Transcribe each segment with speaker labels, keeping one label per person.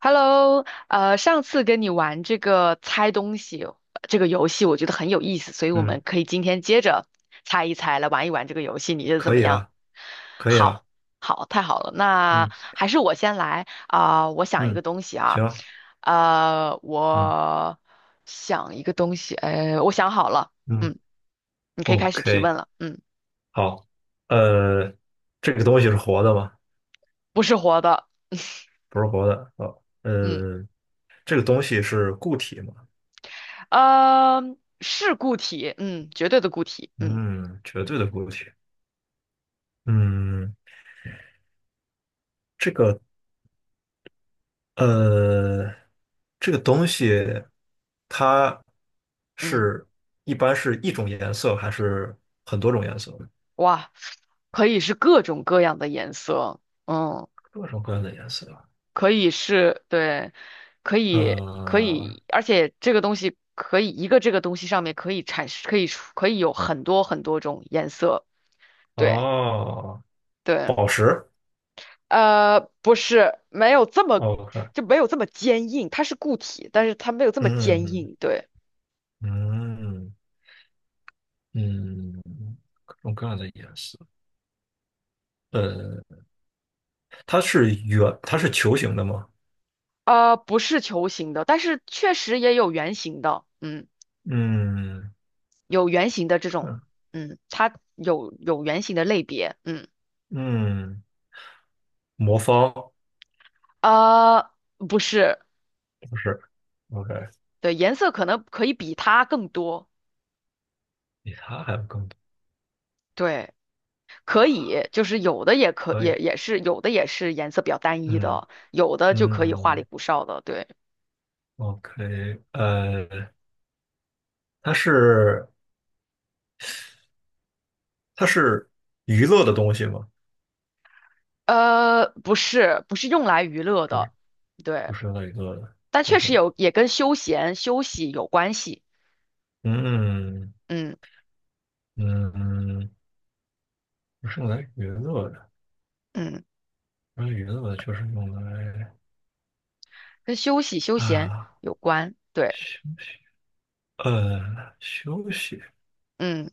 Speaker 1: Hello，上次跟你玩这个猜东西这个游戏，我觉得很有意思，所以我们
Speaker 2: 嗯，
Speaker 1: 可以今天接着猜一猜，来玩一玩这个游戏，你觉得怎
Speaker 2: 可
Speaker 1: 么
Speaker 2: 以
Speaker 1: 样？
Speaker 2: 啊，可以啊，
Speaker 1: 好，好，太好了，那
Speaker 2: 嗯
Speaker 1: 还是我先来啊，我想一
Speaker 2: 嗯，
Speaker 1: 个东西啊，
Speaker 2: 行啊，
Speaker 1: 呃，
Speaker 2: 嗯
Speaker 1: 我想一个东西，哎，我想好了。
Speaker 2: 嗯
Speaker 1: 嗯，你可以开始提
Speaker 2: ，OK，
Speaker 1: 问了。嗯，
Speaker 2: 好，呃，这个东西是活的吗？
Speaker 1: 不是活的。
Speaker 2: 不是活的，哦，
Speaker 1: 嗯，
Speaker 2: 这个东西是固体吗？
Speaker 1: 呃，是固体，嗯，绝对的固体。嗯
Speaker 2: 嗯，绝对的固体。嗯，这个呃，这个东西它
Speaker 1: 嗯。
Speaker 2: 是一般是一种颜色还是很多种颜色？
Speaker 1: 哇，可以是各种各样的颜色。嗯，
Speaker 2: 各种各样的颜色啊。
Speaker 1: 可以是，对，可以可
Speaker 2: 呃，
Speaker 1: 以，而且这个东西可以一个这个东西上面可以产生，可以有很多种颜色。对
Speaker 2: 哦，
Speaker 1: 对。
Speaker 2: 宝石。
Speaker 1: 呃，不是，没有这么
Speaker 2: OK，
Speaker 1: 就没有这么坚硬，它是固体，但是它没有这么坚
Speaker 2: 嗯
Speaker 1: 硬。对。
Speaker 2: 嗯嗯，各种各样的颜色。呃，它是球形的吗？
Speaker 1: 呃，不是球形的，但是确实也有圆形的。嗯，
Speaker 2: 嗯
Speaker 1: 有圆形的这种。
Speaker 2: 嗯
Speaker 1: 嗯，它有圆形的类别。嗯。
Speaker 2: 嗯，魔方
Speaker 1: 啊，不是。
Speaker 2: 不是。OK,
Speaker 1: 对，颜色可能可以比它更多。
Speaker 2: 比它还要更多，
Speaker 1: 对，可以，就是
Speaker 2: 可以。
Speaker 1: 有的也是颜色比较单一
Speaker 2: 嗯
Speaker 1: 的，有的就可以花里
Speaker 2: 嗯
Speaker 1: 胡哨的。对。
Speaker 2: ，OK,它是它是娱乐的东西吗？
Speaker 1: 呃，不是，不是用来娱乐
Speaker 2: 不是，
Speaker 1: 的。
Speaker 2: 不
Speaker 1: 对，
Speaker 2: 是用来娱乐的。
Speaker 1: 但确实
Speaker 2: OK,
Speaker 1: 有也跟休闲休息有关系。
Speaker 2: 嗯
Speaker 1: 嗯
Speaker 2: 嗯，不是用来娱乐的，
Speaker 1: 嗯，
Speaker 2: 不是娱乐的，就是用来。
Speaker 1: 跟休息休闲
Speaker 2: 啊，
Speaker 1: 有关。对。
Speaker 2: 休息，休息，
Speaker 1: 嗯，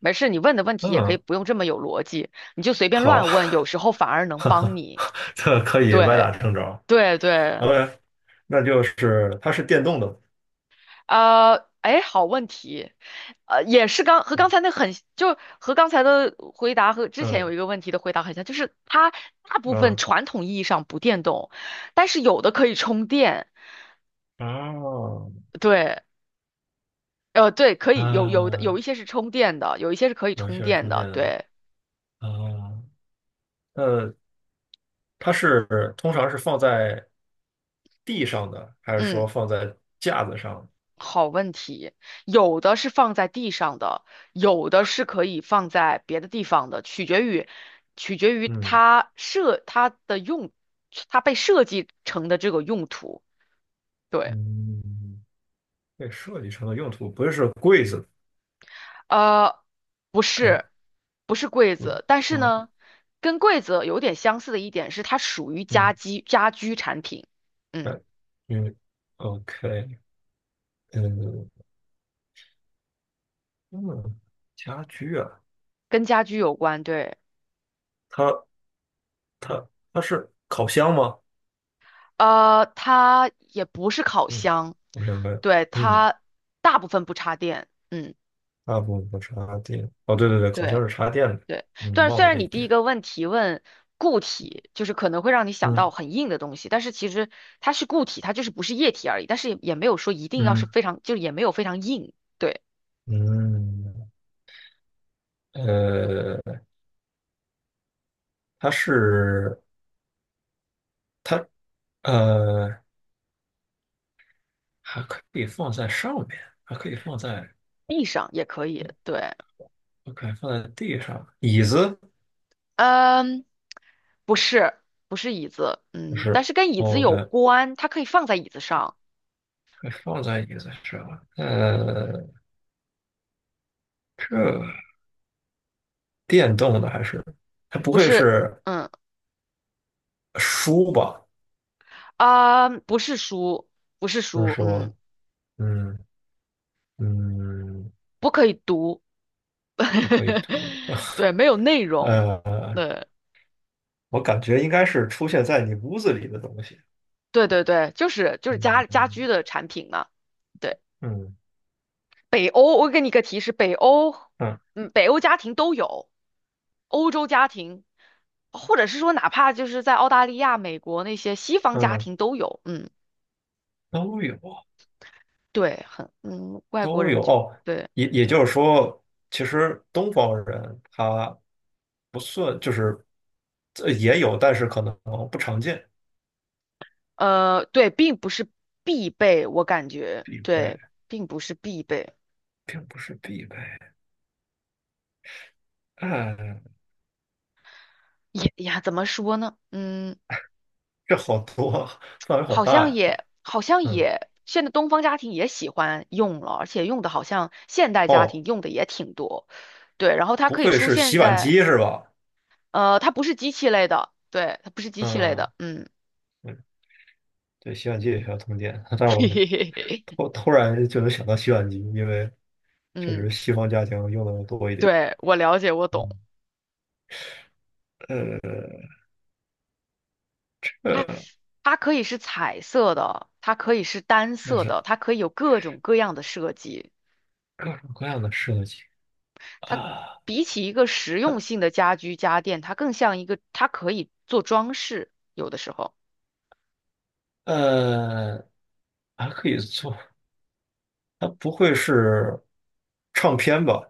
Speaker 1: 没事，你问的问题也可以
Speaker 2: 嗯，
Speaker 1: 不用这么有逻辑，你就随便
Speaker 2: 好，
Speaker 1: 乱问，有时候反而 能
Speaker 2: 哈
Speaker 1: 帮
Speaker 2: 哈，
Speaker 1: 你。
Speaker 2: 这可以歪
Speaker 1: 对
Speaker 2: 打正着。
Speaker 1: 对对。
Speaker 2: OK,那就是它是电动的，
Speaker 1: 呃，哎，好问题。呃，也是刚和
Speaker 2: 嗯
Speaker 1: 刚才那很，就和刚才的回答和之前有
Speaker 2: 嗯
Speaker 1: 一个问题的回答很像，就是它大部分
Speaker 2: 嗯
Speaker 1: 传统意义上不电动，但是有的可以充电。
Speaker 2: 哦，
Speaker 1: 对。呃，对，可以有有的有
Speaker 2: 嗯，
Speaker 1: 一些是充电的，有一些是可以
Speaker 2: 有一些
Speaker 1: 充
Speaker 2: 是
Speaker 1: 电
Speaker 2: 充电
Speaker 1: 的。
Speaker 2: 的，
Speaker 1: 对。
Speaker 2: 啊，呃，通常是放在地上的，还是
Speaker 1: 嗯。
Speaker 2: 说放在架子上？
Speaker 1: 好问题。有的是放在地上的，有的是可以放在别的地方的，取决于
Speaker 2: 嗯
Speaker 1: 它的用，它被设计成的这个用途。对。
Speaker 2: 嗯，被设计成了用途不是说柜子，
Speaker 1: 呃，不
Speaker 2: 哎，
Speaker 1: 是不是柜
Speaker 2: 嗯
Speaker 1: 子，但是呢，跟柜子有点相似的一点是它属于
Speaker 2: 嗯。
Speaker 1: 家居产品。嗯，
Speaker 2: 嗯嗯，OK,嗯嗯，家居啊，
Speaker 1: 跟家居有关。对。
Speaker 2: 它它它是烤箱吗？
Speaker 1: 呃，它也不是烤
Speaker 2: 嗯，
Speaker 1: 箱。
Speaker 2: 我想问，
Speaker 1: 对，
Speaker 2: 嗯，
Speaker 1: 它大部分不插电。嗯。
Speaker 2: 大部分是插电，哦，对对对，烤
Speaker 1: 对
Speaker 2: 箱是插电的，
Speaker 1: 对，
Speaker 2: 嗯，
Speaker 1: 但是
Speaker 2: 忘
Speaker 1: 虽
Speaker 2: 了这
Speaker 1: 然
Speaker 2: 一
Speaker 1: 你第一
Speaker 2: 点，
Speaker 1: 个问题问固体，就是可能会让你想
Speaker 2: 嗯
Speaker 1: 到很硬的东西，但是其实它是固体，它就是不是液体而已，但是也没有说一定要是
Speaker 2: 嗯
Speaker 1: 非常，就是也没有非常硬。对。
Speaker 2: 嗯，呃，它是它呃还可以放在上面，还可以放在
Speaker 1: 地上也可以。对。
Speaker 2: ，OK,放在地上，椅子
Speaker 1: 嗯，不是，不是椅子。
Speaker 2: 就
Speaker 1: 嗯，但
Speaker 2: 是
Speaker 1: 是跟椅子有
Speaker 2: OK,
Speaker 1: 关，它可以放在椅子上。
Speaker 2: 还放在椅子上，这。电动的还是它不
Speaker 1: 不
Speaker 2: 会
Speaker 1: 是。
Speaker 2: 是
Speaker 1: 嗯
Speaker 2: 书吧？
Speaker 1: 不是书，不是
Speaker 2: 就是
Speaker 1: 书。嗯，
Speaker 2: 说，嗯嗯，
Speaker 1: 不可以读。
Speaker 2: 不可以读。
Speaker 1: 对，没有内容。
Speaker 2: 呃，
Speaker 1: 对。
Speaker 2: 我感觉应该是出现在你屋子里的东西。
Speaker 1: 对对对，就是
Speaker 2: 嗯
Speaker 1: 家居
Speaker 2: 嗯
Speaker 1: 的产品嘛。对，北欧，我给你一个提示，北欧。
Speaker 2: 嗯
Speaker 1: 嗯，北欧家庭都有，欧洲家庭，或者是说哪怕就是在澳大利亚、美国那些西方家
Speaker 2: 嗯，
Speaker 1: 庭都有。嗯，
Speaker 2: 都有
Speaker 1: 对，很，嗯，外国
Speaker 2: 都
Speaker 1: 人
Speaker 2: 有
Speaker 1: 就
Speaker 2: 哦。
Speaker 1: 对。
Speaker 2: 也也就是说，其实东方人他不算，就是这也有，但是可能不常见，
Speaker 1: 呃，对，并不是必备，我感觉
Speaker 2: 必备
Speaker 1: 对，并不是必备。
Speaker 2: 并不是必备。哎，
Speaker 1: 也呀，怎么说呢？嗯。
Speaker 2: 这好多，范围好大呀。
Speaker 1: 好像
Speaker 2: 嗯，
Speaker 1: 也，现在东方家庭也喜欢用了，而且用的好像现代家
Speaker 2: 哦。
Speaker 1: 庭用的也挺多。对，然后它
Speaker 2: 不
Speaker 1: 可以
Speaker 2: 会
Speaker 1: 出
Speaker 2: 是
Speaker 1: 现
Speaker 2: 洗碗
Speaker 1: 在，
Speaker 2: 机是吧？
Speaker 1: 它不是机器类的。对，它不是机器类
Speaker 2: 嗯，
Speaker 1: 的。嗯，
Speaker 2: 对，对，洗碗机也需要通电。但是
Speaker 1: 嘿嘿嘿嘿。
Speaker 2: 我突然就能想到洗碗机，因为确
Speaker 1: 嗯，
Speaker 2: 实西方家庭用的多一点。
Speaker 1: 对，我了解，我懂。
Speaker 2: 嗯，
Speaker 1: 它
Speaker 2: 呃，
Speaker 1: 它可以是彩色的，它可以是单
Speaker 2: 也
Speaker 1: 色
Speaker 2: 是
Speaker 1: 的，它可以有各种各样的设计。
Speaker 2: 各种各样的设计
Speaker 1: 它
Speaker 2: 啊，
Speaker 1: 比起一个实用性的家居家电，它更像一个，它可以做装饰，有的时候。
Speaker 2: 呃，还可以做。它不会是唱片吧？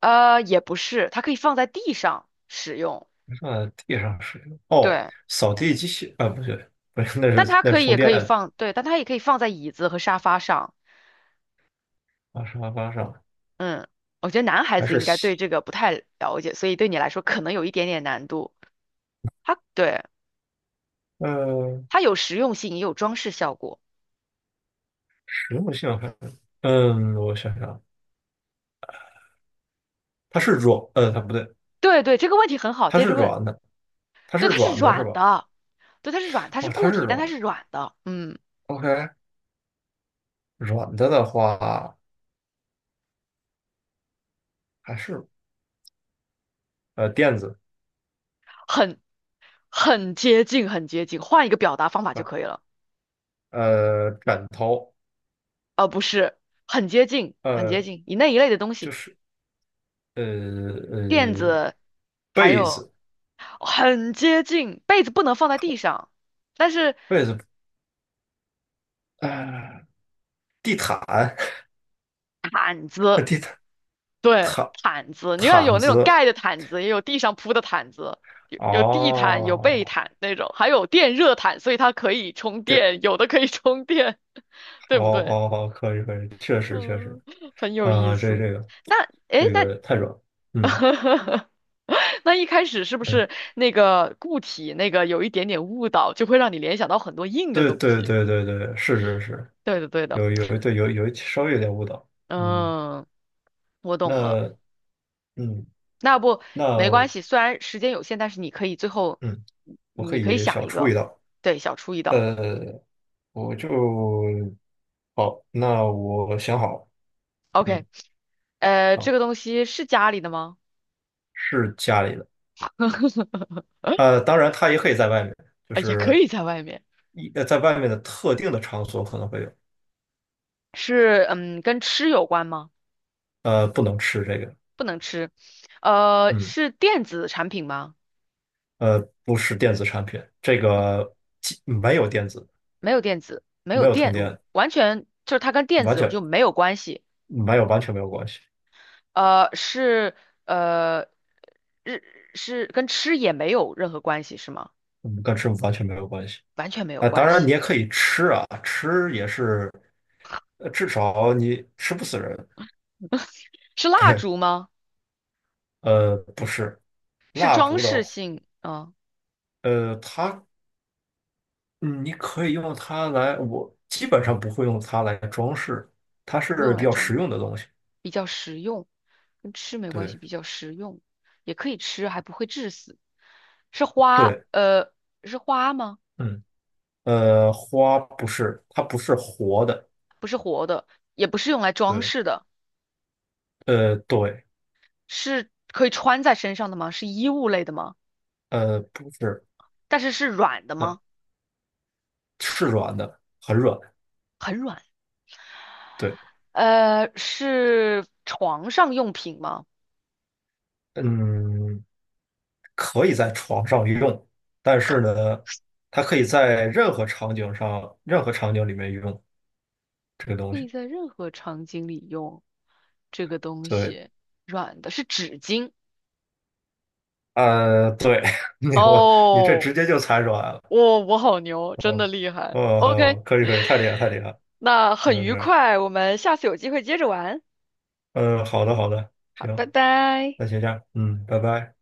Speaker 1: 呃，也不是，它可以放在地上使用。
Speaker 2: 放在地上是哦，
Speaker 1: 对，
Speaker 2: 扫地机器啊，不对，不是，那
Speaker 1: 但
Speaker 2: 是
Speaker 1: 它
Speaker 2: 那是
Speaker 1: 也
Speaker 2: 充
Speaker 1: 可
Speaker 2: 电
Speaker 1: 以
Speaker 2: 的，
Speaker 1: 放。对，但它也可以放在椅子和沙发上。
Speaker 2: 啊，沙发上
Speaker 1: 嗯，我觉得男孩
Speaker 2: 还
Speaker 1: 子
Speaker 2: 是
Speaker 1: 应该
Speaker 2: 洗
Speaker 1: 对这个不太了解，所以对你来说可能有一点点难度。它对，
Speaker 2: 呃。
Speaker 1: 它有实用性，也有装饰效果。
Speaker 2: 实用性，我想想看，嗯，我想想啊，它不对，
Speaker 1: 对对，这个问题很好，
Speaker 2: 它
Speaker 1: 接
Speaker 2: 是
Speaker 1: 着问。
Speaker 2: 软的，它是
Speaker 1: 对，它是
Speaker 2: 软的是吧？
Speaker 1: 软的。对，它
Speaker 2: 哦，
Speaker 1: 是
Speaker 2: 它
Speaker 1: 固
Speaker 2: 是
Speaker 1: 体，但
Speaker 2: 软
Speaker 1: 它
Speaker 2: 的
Speaker 1: 是软的。嗯，
Speaker 2: ，OK,软的的话还是呃垫子，
Speaker 1: 很很接近，很接近，换一个表达方法就
Speaker 2: 呃，
Speaker 1: 可以了。
Speaker 2: 呃枕头，
Speaker 1: 呃，不是，很接近，很接
Speaker 2: 呃，
Speaker 1: 近，以那一类的东
Speaker 2: 就
Speaker 1: 西。
Speaker 2: 是呃
Speaker 1: 垫
Speaker 2: 呃
Speaker 1: 子还
Speaker 2: 被
Speaker 1: 有
Speaker 2: 子，
Speaker 1: 很接近，被子不能放在地上，但是
Speaker 2: 被子，呃，地毯，地毯
Speaker 1: 对
Speaker 2: 毯
Speaker 1: 毯子，你要
Speaker 2: 毯
Speaker 1: 有那种
Speaker 2: 子，
Speaker 1: 盖的毯子，也有地上铺的毯子，有地毯，有被
Speaker 2: 哦，
Speaker 1: 毯那种，还有电热毯，所以它可以充
Speaker 2: 对，
Speaker 1: 电，有的可以充电，对
Speaker 2: 哦
Speaker 1: 不对？
Speaker 2: 哦哦，可以可以，确实确实，
Speaker 1: 嗯，很有意
Speaker 2: 啊、这
Speaker 1: 思。
Speaker 2: 这个
Speaker 1: 那诶，
Speaker 2: 这
Speaker 1: 那
Speaker 2: 个太软了，嗯
Speaker 1: 那一开始是不
Speaker 2: 嗯。
Speaker 1: 是那个固体那个有一点点误导，就会让你联想到很多硬的
Speaker 2: 对
Speaker 1: 东
Speaker 2: 对
Speaker 1: 西？
Speaker 2: 对对对，是是是，
Speaker 1: 对的，对的。
Speaker 2: 有稍微有点误导。嗯，
Speaker 1: 嗯。我懂了。
Speaker 2: 那嗯
Speaker 1: 那要不没关
Speaker 2: 那
Speaker 1: 系，虽然时间有限，但是你可以最后，
Speaker 2: 嗯，我可
Speaker 1: 你可以
Speaker 2: 以
Speaker 1: 想
Speaker 2: 小
Speaker 1: 一
Speaker 2: 出
Speaker 1: 个。
Speaker 2: 一道。
Speaker 1: 对，小出一道。
Speaker 2: 呃，我就好，那我想好，嗯，
Speaker 1: OK，呃，这
Speaker 2: 好，
Speaker 1: 个东西是家里的吗？
Speaker 2: 是家里的。当然它也可以在外面，就
Speaker 1: 也可
Speaker 2: 是
Speaker 1: 以在外面。
Speaker 2: 一呃在外面的特定的场所可能会有，
Speaker 1: 是，嗯，跟吃有关吗？
Speaker 2: 不能吃这个，
Speaker 1: 不能吃。呃，
Speaker 2: 嗯，
Speaker 1: 是电子产品吗？
Speaker 2: 呃，不是电子产品，这个既没有电子，
Speaker 1: 没有电子，没有
Speaker 2: 没有通
Speaker 1: 电，
Speaker 2: 电，
Speaker 1: 完全就是它跟电
Speaker 2: 完
Speaker 1: 子我
Speaker 2: 全。
Speaker 1: 就没有关系。
Speaker 2: 没有，完全没有关系，
Speaker 1: 呃，是，呃，日是跟吃也没有任何关系，是吗？
Speaker 2: 嗯，跟吃完全没有关系。
Speaker 1: 完全没有
Speaker 2: 啊、当
Speaker 1: 关
Speaker 2: 然
Speaker 1: 系。
Speaker 2: 你也可以吃啊，吃也是，至少你吃不死人。
Speaker 1: 是 蜡
Speaker 2: 对，
Speaker 1: 烛吗？
Speaker 2: 不是，
Speaker 1: 是
Speaker 2: 蜡
Speaker 1: 装
Speaker 2: 烛的，
Speaker 1: 饰性啊，
Speaker 2: 呃，它，嗯你可以用它来，我基本上不会用它来装饰，它
Speaker 1: 不会
Speaker 2: 是
Speaker 1: 用
Speaker 2: 比
Speaker 1: 来
Speaker 2: 较实
Speaker 1: 装饰，
Speaker 2: 用的东西。
Speaker 1: 比较实用，跟吃没关系，
Speaker 2: 对，
Speaker 1: 比较实用，也可以吃，还不会致死。是花，
Speaker 2: 对，
Speaker 1: 呃，是花吗？
Speaker 2: 嗯，花不是，它不是活的。
Speaker 1: 也不是用来装
Speaker 2: 对，
Speaker 1: 饰的，
Speaker 2: 对，
Speaker 1: 是可以穿在身上的吗？是衣物类的吗？
Speaker 2: 不是，
Speaker 1: 但是是软的
Speaker 2: 呃，
Speaker 1: 吗？
Speaker 2: 是软的，很软。
Speaker 1: 很软。
Speaker 2: 对，
Speaker 1: 呃，是床上用品吗？
Speaker 2: 嗯。可以在床上用，但是呢，它可以在任何场景上、任何场景里面用这个东
Speaker 1: 可
Speaker 2: 西。
Speaker 1: 以在任何场景里用这个东
Speaker 2: 对，
Speaker 1: 西，软的是纸巾
Speaker 2: 对，你这
Speaker 1: 哦。
Speaker 2: 直接就猜出来了。
Speaker 1: 我好牛，真的
Speaker 2: 哦，
Speaker 1: 厉害。
Speaker 2: 哦，好
Speaker 1: OK，
Speaker 2: 可以可以，太厉害太厉害。
Speaker 1: 那
Speaker 2: 嗯
Speaker 1: 很
Speaker 2: 是
Speaker 1: 愉
Speaker 2: 不是
Speaker 1: 快，我们下次有机会接着玩。
Speaker 2: 嗯，好的好的，
Speaker 1: 好，拜
Speaker 2: 行，
Speaker 1: 拜。
Speaker 2: 那先这样，嗯，拜拜。